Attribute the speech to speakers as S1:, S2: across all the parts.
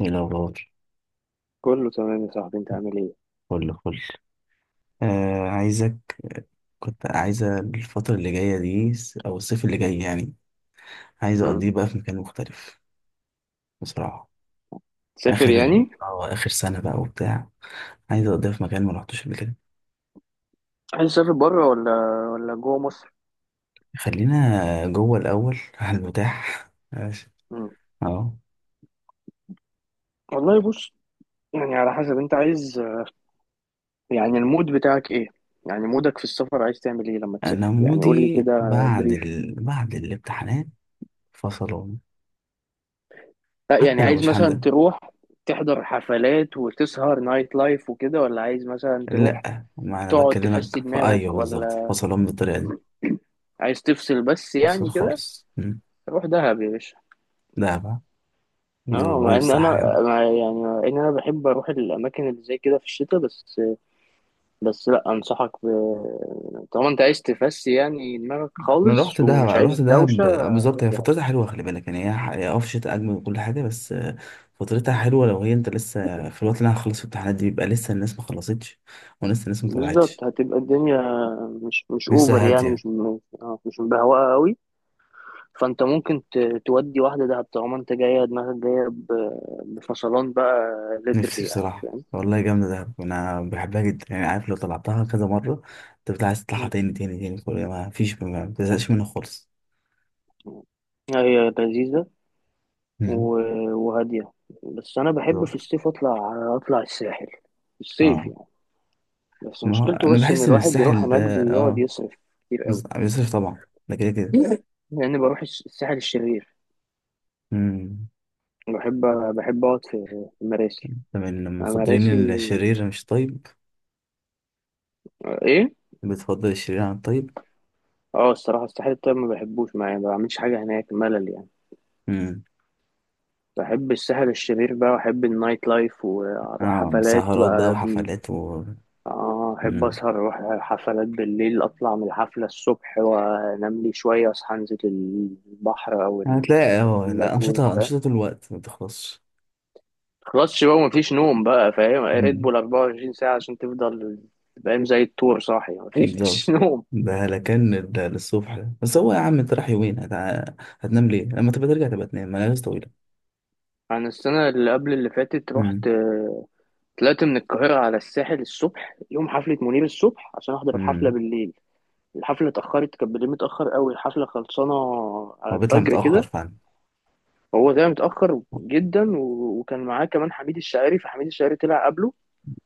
S1: ايه الأخبار؟
S2: كله تمام يا صاحبي، انت عامل ايه؟
S1: فل فل. آه، عايزك. كنت عايزة الفترة اللي جاية دي س- أو الصيف اللي جاي يعني، عايزة
S2: مم.
S1: أقضيه بقى في مكان مختلف بصراحة.
S2: تسافر
S1: آخر ال-
S2: يعني؟
S1: اه آخر سنة بقى وبتاع، عايزة أقضيها في مكان ما رحتوش قبل كده.
S2: عايز تسافر بره ولا جوه مصر؟
S1: خلينا جوه الأول على المتاح ماشي.
S2: مم.
S1: اه،
S2: والله بص، يعني على حسب انت عايز، يعني المود بتاعك ايه، يعني مودك في السفر، عايز تعمل ايه لما تسافر؟
S1: أنا
S2: يعني قول لي
S1: مودي
S2: كده. بريف؟
S1: بعد الامتحانات فصلان.
S2: لا
S1: حتى
S2: يعني
S1: لو
S2: عايز
S1: مش
S2: مثلا
S1: هنزل.
S2: تروح تحضر حفلات وتسهر نايت لايف وكده، ولا عايز مثلا تروح
S1: لأ، ما أنا
S2: تقعد تفسي
S1: بكلمك في أيوه،
S2: دماغك،
S1: بالظبط
S2: ولا
S1: فصلان بالطريقة دي.
S2: عايز تفصل بس
S1: أفصل
S2: يعني كده؟
S1: خالص. مم.
S2: روح دهب يا باشا.
S1: ده بقى
S2: اه،
S1: الفايب صح يا عم.
S2: مع ان انا بحب اروح الاماكن اللي زي كده في الشتاء، بس. لا انصحك طالما انت عايز تفسي يعني دماغك
S1: انا رحت
S2: خالص
S1: دهب،
S2: ومش
S1: رحت
S2: عايز دوشه،
S1: دهب آه، بالظبط
S2: روح
S1: هي
S2: دهب.
S1: فترتها حلوه، خلي بالك يعني هي في شتاء اجمل وكل حاجه بس آه، فترتها حلوه لو هي، انت لسه في الوقت اللي انا هخلص في الامتحانات دي بيبقى لسه الناس ما خلصتش ولسه الناس ما طلعتش،
S2: بالظبط، هتبقى الدنيا مش اوفر،
S1: لسه
S2: يعني
S1: هاديه.
S2: مش م- آه، مش مبهوقه قوي. فانت ممكن تودي واحده دهب طالما انت جايه دماغك جايه بفصلان بقى.
S1: نفسي
S2: ليترلي يعني
S1: بصراحه
S2: فاهم.
S1: والله، جامده دهب، انا بحبها جدا يعني. عارف لو طلعتها كذا مره انت بتبقى عايز تطلعها
S2: مم.
S1: تاني تاني تاني، كل ما فيش، ما بتزهقش منها خالص.
S2: هي لذيذه
S1: مم.
S2: وهاديه. بس انا بحب في
S1: بالظبط.
S2: الصيف اطلع الساحل في الصيف
S1: اه،
S2: يعني. بس
S1: ما هو
S2: مشكلته،
S1: انا
S2: بس ان
S1: بحس ان
S2: الواحد بيروح
S1: الساحل
S2: هناك
S1: ده
S2: بيقعد
S1: اه
S2: يصرف كتير قوي.
S1: بيصرف طبعا، ده كده كده.
S2: لأني بروح الساحل الشرير.
S1: مم.
S2: بحب، أقعد في مراسي.
S1: من
S2: مراسي.
S1: مفضلين الشرير مش طيب.
S2: إيه؟
S1: بتفضل الشرير عن الطيب.
S2: أه الصراحة الساحل الطيب ما بحبوش، ما يعني ما بعملش حاجة هناك، ملل يعني.
S1: امم.
S2: بحب الساحل الشرير بقى، وأحب النايت لايف وأروح
S1: اه،
S2: حفلات
S1: سهرات بقى
S2: بقى.
S1: وحفلات و...
S2: أحب
S1: امم.
S2: أسهر، أروح حفلات بالليل، أطلع من الحفلة الصبح، وأنام لي شوية، أصحى أنزل البحر أو
S1: هتلاقي اه لا،
S2: اللاجون.
S1: أنشطة أنشطة طول الوقت ما بتخلصش.
S2: خلاص بقى، مفيش نوم بقى، فاهم؟ ريد
S1: امم.
S2: بول 24 ساعة عشان تفضل فاهم زي الطور صاحي،
S1: بالظبط.
S2: مفيش نوم.
S1: ده لكن للصبح ده. بس هو يا عم، انت رايح يومين هتع... هتنام ليه؟ لما تبقى ترجع تبقى تنام ملابس طويلة.
S2: أنا السنة اللي قبل اللي فاتت رحت
S1: امم.
S2: آه، طلعت من القاهرة على الساحل الصبح يوم حفلة منير الصبح عشان أحضر الحفلة
S1: امم.
S2: بالليل. الحفلة اتأخرت، كانت بالليل متأخر قوي، الحفلة خلصانة على
S1: هو بيطلع
S2: الفجر
S1: متأخر
S2: كده.
S1: فعلا.
S2: هو ده متأخر جدا، وكان معاه كمان حميد الشاعري، فحميد الشاعري طلع قبله،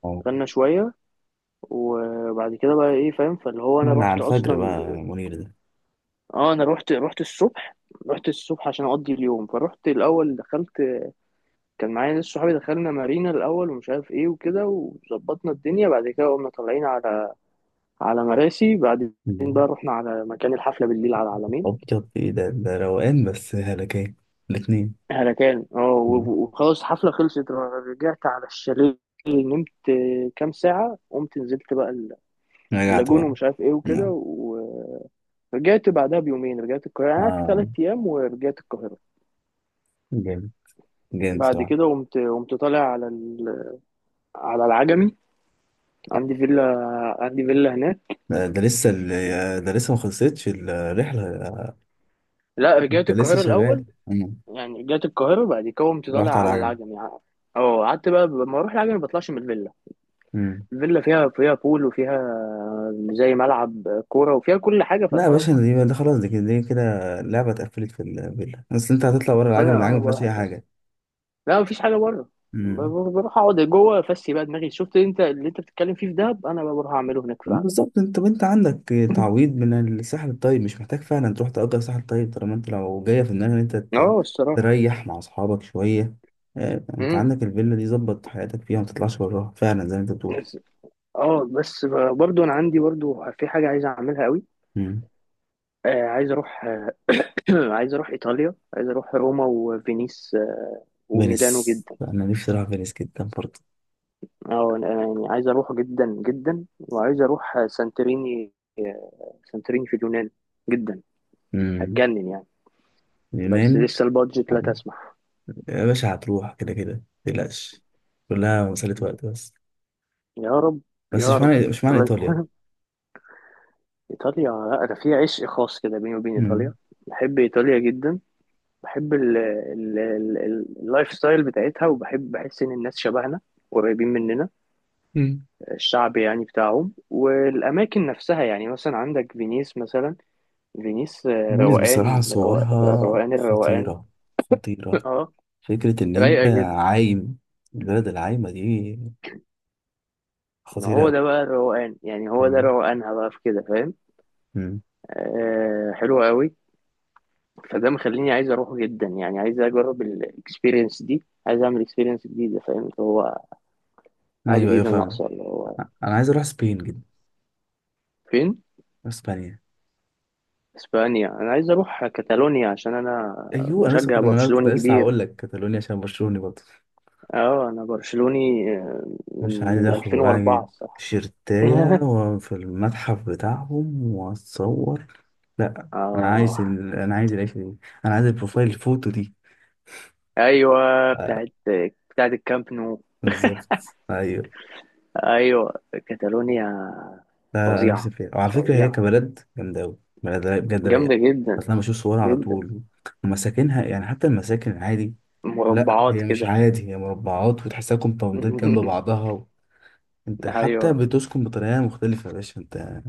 S1: اه،
S2: غنى شوية. وبعد كده بقى ايه فاهم، فاللي هو
S1: لا
S2: انا
S1: على
S2: رحت
S1: الفجر
S2: اصلا،
S1: بقى منير ده.
S2: اه انا رحت الصبح. رحت الصبح عشان اقضي اليوم، فرحت الاول دخلت. كان معايا ناس صحابي، دخلنا مارينا الاول ومش عارف ايه وكده، وظبطنا الدنيا، بعد كده قمنا طالعين على مراسي بعدين.
S1: مم.
S2: بقى رحنا على مكان الحفله بالليل على العلمين،
S1: أبيض إيه ده؟ ده روقان بس هلكان الاتنين.
S2: على كان اه وخلاص الحفله خلصت، رجعت على الشاليه، نمت كام ساعه، قمت نزلت بقى
S1: رجعت
S2: اللاجون
S1: بقى.
S2: ومش عارف ايه وكده.
S1: نعم.
S2: ورجعت بعدها بيومين، رجعت القاهره. أنا قعدت
S1: آه،
S2: 3 ايام ورجعت القاهره.
S1: جامد. جامد
S2: بعد
S1: صراحة.
S2: كده قمت طالع على العجمي. عندي فيلا، عندي فيلا هناك.
S1: ده ده ده لسه ما خلصتش الرحلة.
S2: لا، رجعت
S1: ده لسه
S2: القاهرة
S1: شغال.
S2: الأول،
S1: مم.
S2: يعني رجعت القاهرة، بعد كده قمت طالع
S1: رحت على
S2: على
S1: العجمي.
S2: العجمي. اه قعدت بقى. لما اروح العجمي ما بطلعش من الفيلا.
S1: مم.
S2: الفيلا فيها بول، وفيها زي ملعب كورة، وفيها كل حاجة،
S1: لا يا
S2: فخلاص
S1: باشا،
S2: معايا.
S1: دي ده خلاص، دي كده دي كده لعبة اتقفلت في الفيلا، بس انت هتطلع ورا،
S2: فأنا
S1: العجمي العجمي ما فيهاش
S2: بروح
S1: أي
S2: أفس
S1: حاجة.
S2: لا مفيش حاجة بره،
S1: مم.
S2: بروح أقعد جوه، أفسي بقى دماغي. شفت أنت اللي أنت بتتكلم فيه في دهب؟ أنا بقى بروح أعمله هناك في العجمي.
S1: بالظبط، انت وانت عندك تعويض من الساحل الطيب، مش محتاج فعلا تروح تأجر ساحل طيب، طالما انت لو جاية في دماغك ان
S2: اه الصراحة.
S1: تريح مع اصحابك شوية. اه، انت
S2: امم،
S1: عندك الفيلا دي، ظبط حياتك فيها وما تطلعش براها فعلا زي ما انت بتقول.
S2: بس، اه بس برضو انا عندي برضو في حاجة عايز اعملها قوي.
S1: مم.
S2: آه عايز اروح، عايز اروح ايطاليا، عايز اروح روما وفينيس، وميلانو
S1: فينيس
S2: جدا.
S1: انا نفسي اروح فينيس جدا برضه.
S2: اه أنا يعني عايز اروح جدا جدا، وعايز اروح سانتوريني. سانتوريني في اليونان. جدا.
S1: مم.
S2: هتجنن يعني. بس
S1: اليونان.
S2: لسه البادجت
S1: اه،
S2: لا تسمح.
S1: يا باشا هتروح كده كده متقلقش، كلها مسألة وقت بس.
S2: يا رب،
S1: بس
S2: يا
S1: مش
S2: رب
S1: معنى مش معنى
S2: بس.
S1: ايطاليا.
S2: ايطاليا، لا انا في عشق خاص كده بيني وبين ايطاليا.
S1: مم.
S2: بحب ايطاليا جدا. بحب اللايف ستايل بتاعتها، وبحب، بحس ان الناس شبهنا، قريبين مننا.
S1: مم.
S2: الشعب يعني بتاعهم والأماكن نفسها، يعني مثلا عندك فينيس مثلا. فينيس
S1: فينيس بصراحة
S2: روقان،
S1: صورها
S2: روقان، الروقان.
S1: خطيرة. خطيرة.
S2: اه
S1: فكرة إن
S2: رايقة
S1: أنت
S2: جدا.
S1: عايم، البلد العايمة دي،
S2: ما
S1: خطيرة
S2: هو
S1: أوي.
S2: ده بقى الروقان يعني، هو ده
S1: مم.
S2: روقانها بقى في كده فاهم.
S1: مم.
S2: آه حلوة قوي. فده مخليني عايز أروحه جدا، يعني عايز أجرب الإكسبيرينس دي، عايز أعمل إكسبيرينس جديدة، فاهم اللي هو حاجة
S1: أيوه أيوه
S2: جديدة
S1: فاهم.
S2: ناقصة اللي هو.
S1: أنا عايز أروح سبين جدا.
S2: فين؟
S1: أسبانيا.
S2: إسبانيا. أنا عايز أروح كاتالونيا عشان أنا
S1: أيوه، أنا لسه
S2: مشجع
S1: كنت أنا كنت
S2: برشلوني
S1: لسه
S2: كبير.
S1: هقول لك كاتالونيا عشان برشلوني برضه.
S2: اه انا برشلوني، من
S1: مش عايز
S2: من
S1: آخد وراها
S2: 2004 الصراحه.
S1: شيرتاية وفي المتحف بتاعهم وأتصور. لأ،
S2: اه
S1: أنا عايز العيشة دي. أنا عايز البروفايل الفوتو دي.
S2: ايوه. بتاعت بتاعت الكامب نو.
S1: بالظبط. أيوه.
S2: ايوه كاتالونيا.
S1: لا لا، انا نفسي
S2: فظيعه،
S1: فيها، وعلى فكره هي
S2: فظيعه.
S1: كبلد جامده قوي، بجد رايقه.
S2: جامده
S1: اصل
S2: جدا،
S1: انا بشوف صورها على
S2: جدا.
S1: طول ومساكنها، يعني حتى المساكن العادي. لا
S2: مربعات
S1: هي مش
S2: كده.
S1: عادي، هي مربعات وتحسها كومباوندات جنب بعضها و... انت حتى
S2: ايوه
S1: بتسكن بطريقه مختلفه يا باشا انت،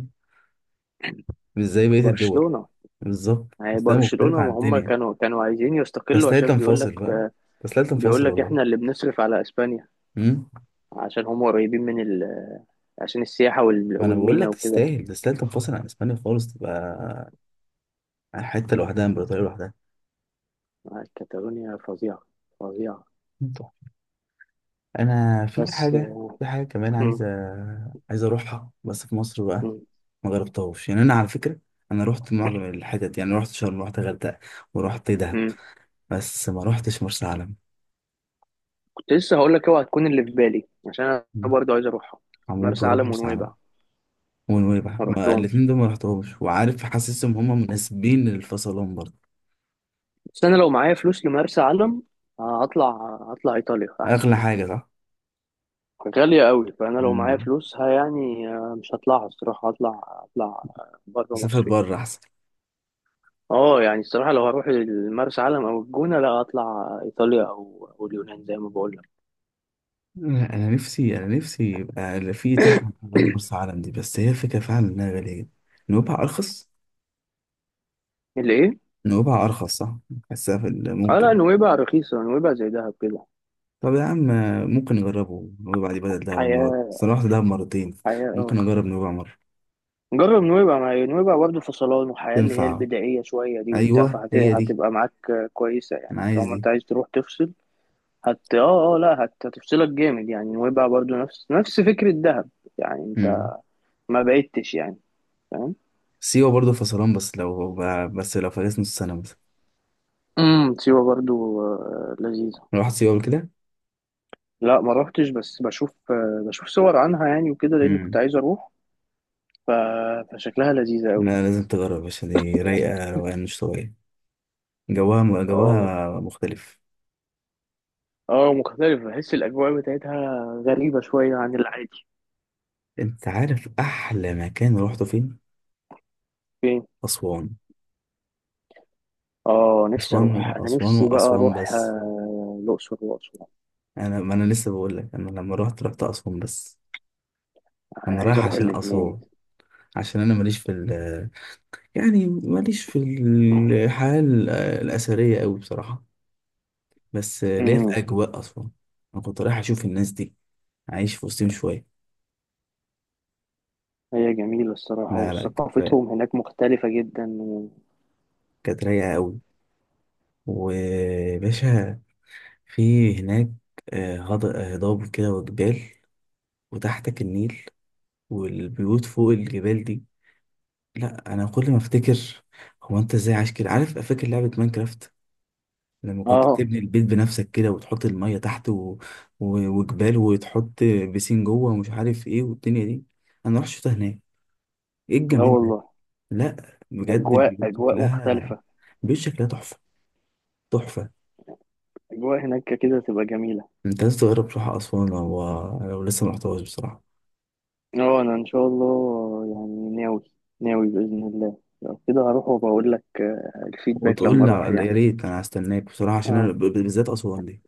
S1: مش زي بقيه الدول.
S2: برشلونه.
S1: بالظبط،
S2: هي
S1: تحسها مختلفه
S2: برشلونه
S1: عن
S2: ما هم
S1: الدنيا.
S2: كانوا عايزين يستقلوا،
S1: تستاهل
S2: عشان بيقول لك،
S1: تنفصل بقى. تستاهل
S2: بيقول
S1: تنفصل
S2: لك
S1: والله.
S2: احنا اللي بنصرف على اسبانيا،
S1: امم.
S2: عشان هم قريبين من عشان السياحه
S1: ما انا بقول
S2: والمينا
S1: لك،
S2: وكده.
S1: تستاهل تنفصل عن اسبانيا خالص، تبقى حته لوحدها، امبراطوريه لوحدها.
S2: آه، كاتالونيا فظيعه، فظيعه.
S1: انا في
S2: بس.
S1: حاجه في حاجه كمان
S2: مم،
S1: عايز اروحها بس في مصر بقى.
S2: مم،
S1: ما جربتهاش يعني، انا على فكره انا رحت معظم الحتت، يعني رحت شرم، رحت غردقه، ورحت دهب،
S2: مم.
S1: بس ما رحتش مرسى علم.
S2: كنت لسه هقول لك اوعى تكون اللي في بالي عشان انا
S1: مم.
S2: برضه عايز اروحها.
S1: هموت
S2: مرسى
S1: واروح
S2: علم
S1: مرسى علم
S2: ونويبع،
S1: ونويبع.
S2: ما
S1: ما
S2: رحتهمش.
S1: الاتنين دول ما رحتهمش، وعارف حاسسهم هما مناسبين للفصلان برضه.
S2: بس انا لو معايا فلوس لمرسى علم، هطلع. هطلع ايطاليا احسن.
S1: اغلى حاجه صح.
S2: غالية قوي، فانا لو معايا
S1: امم.
S2: فلوسها يعني مش هطلعها الصراحة. هطلع بره
S1: سافر
S2: مصر.
S1: بره احسن.
S2: اه يعني الصراحة لو هروح المرسى علم او الجونة، لا هطلع ايطاليا او اليونان زي ما بقول لك.
S1: لا انا نفسي، انا نفسي يبقى في اتاحه مرسى علم دي، بس هي فكره فعلا انها غاليه جدا. نويبع ارخص.
S2: اللي ايه؟
S1: نويبع أرخص صح؟ حاسها
S2: اه، لا
S1: ممكن.
S2: نويبع رخيصة، نويبع زي دهب كده.
S1: طب يا عم، ممكن نجربه نويبع دي بدل دهب المرة دي،
S2: حياة،
S1: أصل أنا رحت دهب مرتين.
S2: حياة
S1: ممكن
S2: اه.
S1: أجرب نويبع مرة.
S2: جرب نويبع، مع نويبع برضه فصلان وحياة اللي هي
S1: تنفع.
S2: البدائية شوية دي وبتاع،
S1: أيوه هي دي.
S2: فهتبقى معاك كويسة
S1: أنا
S2: يعني
S1: عايز
S2: طالما
S1: دي.
S2: انت عايز تروح تفصل. هت اه اه لا هت... هتفصلك جامد يعني. نويبع برضه نفس فكرة دهب، يعني انت
S1: مم.
S2: ما بعدتش يعني، فاهم.
S1: سيوة برضه فصلان، بس لو، بس لو فاكس نص سنة مثلا.
S2: سيوة برضه، لذيذة.
S1: رحت سيوة قبل كده؟
S2: لا، ما روحتش، بس بشوف صور عنها يعني وكده، لأن كنت
S1: مم.
S2: عايز أروح ف... فشكلها لذيذة أوي.
S1: لا لازم تجرب، عشان دي رايقة روقان مش طبيعي. جواها،
S2: اه،
S1: جواها مختلف.
S2: اه مختلف. بحس الأجواء بتاعتها غريبة شوية عن العادي.
S1: أنت عارف أحلى مكان روحته فين؟
S2: فين؟
S1: أسوان.
S2: اه، نفسي اروح،
S1: أسوان.
S2: انا
S1: أسوان
S2: نفسي بقى
S1: وأسوان
S2: اروح
S1: بس.
S2: الاقصر واسوان.
S1: انا، ما انا لسه بقول لك انا لما رحت، رحت اسوان بس،
S2: انا
S1: انا
S2: عايز
S1: رايح
S2: اروح
S1: عشان اسوان.
S2: الاثنين.
S1: عشان انا ماليش في ال، يعني ماليش في الاثريه قوي بصراحه، بس ليا في
S2: امم.
S1: اجواء اسوان. انا كنت رايح اشوف الناس دي، عايش في وسطهم شويه.
S2: هي جميله الصراحه،
S1: لا لا كانت
S2: وثقافتهم
S1: رايقة-
S2: هناك مختلفه جدا
S1: كانت رايقه قوي. وباشا، في هناك آه، هضاب كده وجبال، وتحتك النيل، والبيوت فوق الجبال دي. لا انا كل ما افتكر، هو انت ازاي عايش كده؟ عارف فاكر لعبه ماينكرافت، لما كنت
S2: اه،
S1: تبني البيت بنفسك كده وتحط الميه تحت و... و... وجبال، وتحط بيسين جوه ومش عارف ايه والدنيا دي. انا رحت شفتها هناك، ايه
S2: لا
S1: الجمال ده؟
S2: والله،
S1: لا بجد
S2: اجواء اجواء مختلفه.
S1: البيوت شكلها تحفه. تحفه.
S2: اجواء هناك كده تبقى جميله.
S1: انت لازم تجرب تروح اسوان لو، لو لسه ما رحتهاش بصراحه.
S2: اه انا ان شاء الله يعني ناوي، ناوي باذن الله. لو كده هروح وبقول لك الفيدباك لما اروح
S1: يا
S2: يعني.
S1: ريت، انا هستناك بصراحه عشان انا
S2: اه.
S1: بالذات اسوان دي.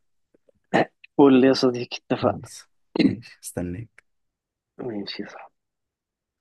S2: قول لي يا صديقي، اتفقنا.
S1: خلاص ماشي، استناك.
S2: ماشي، صح.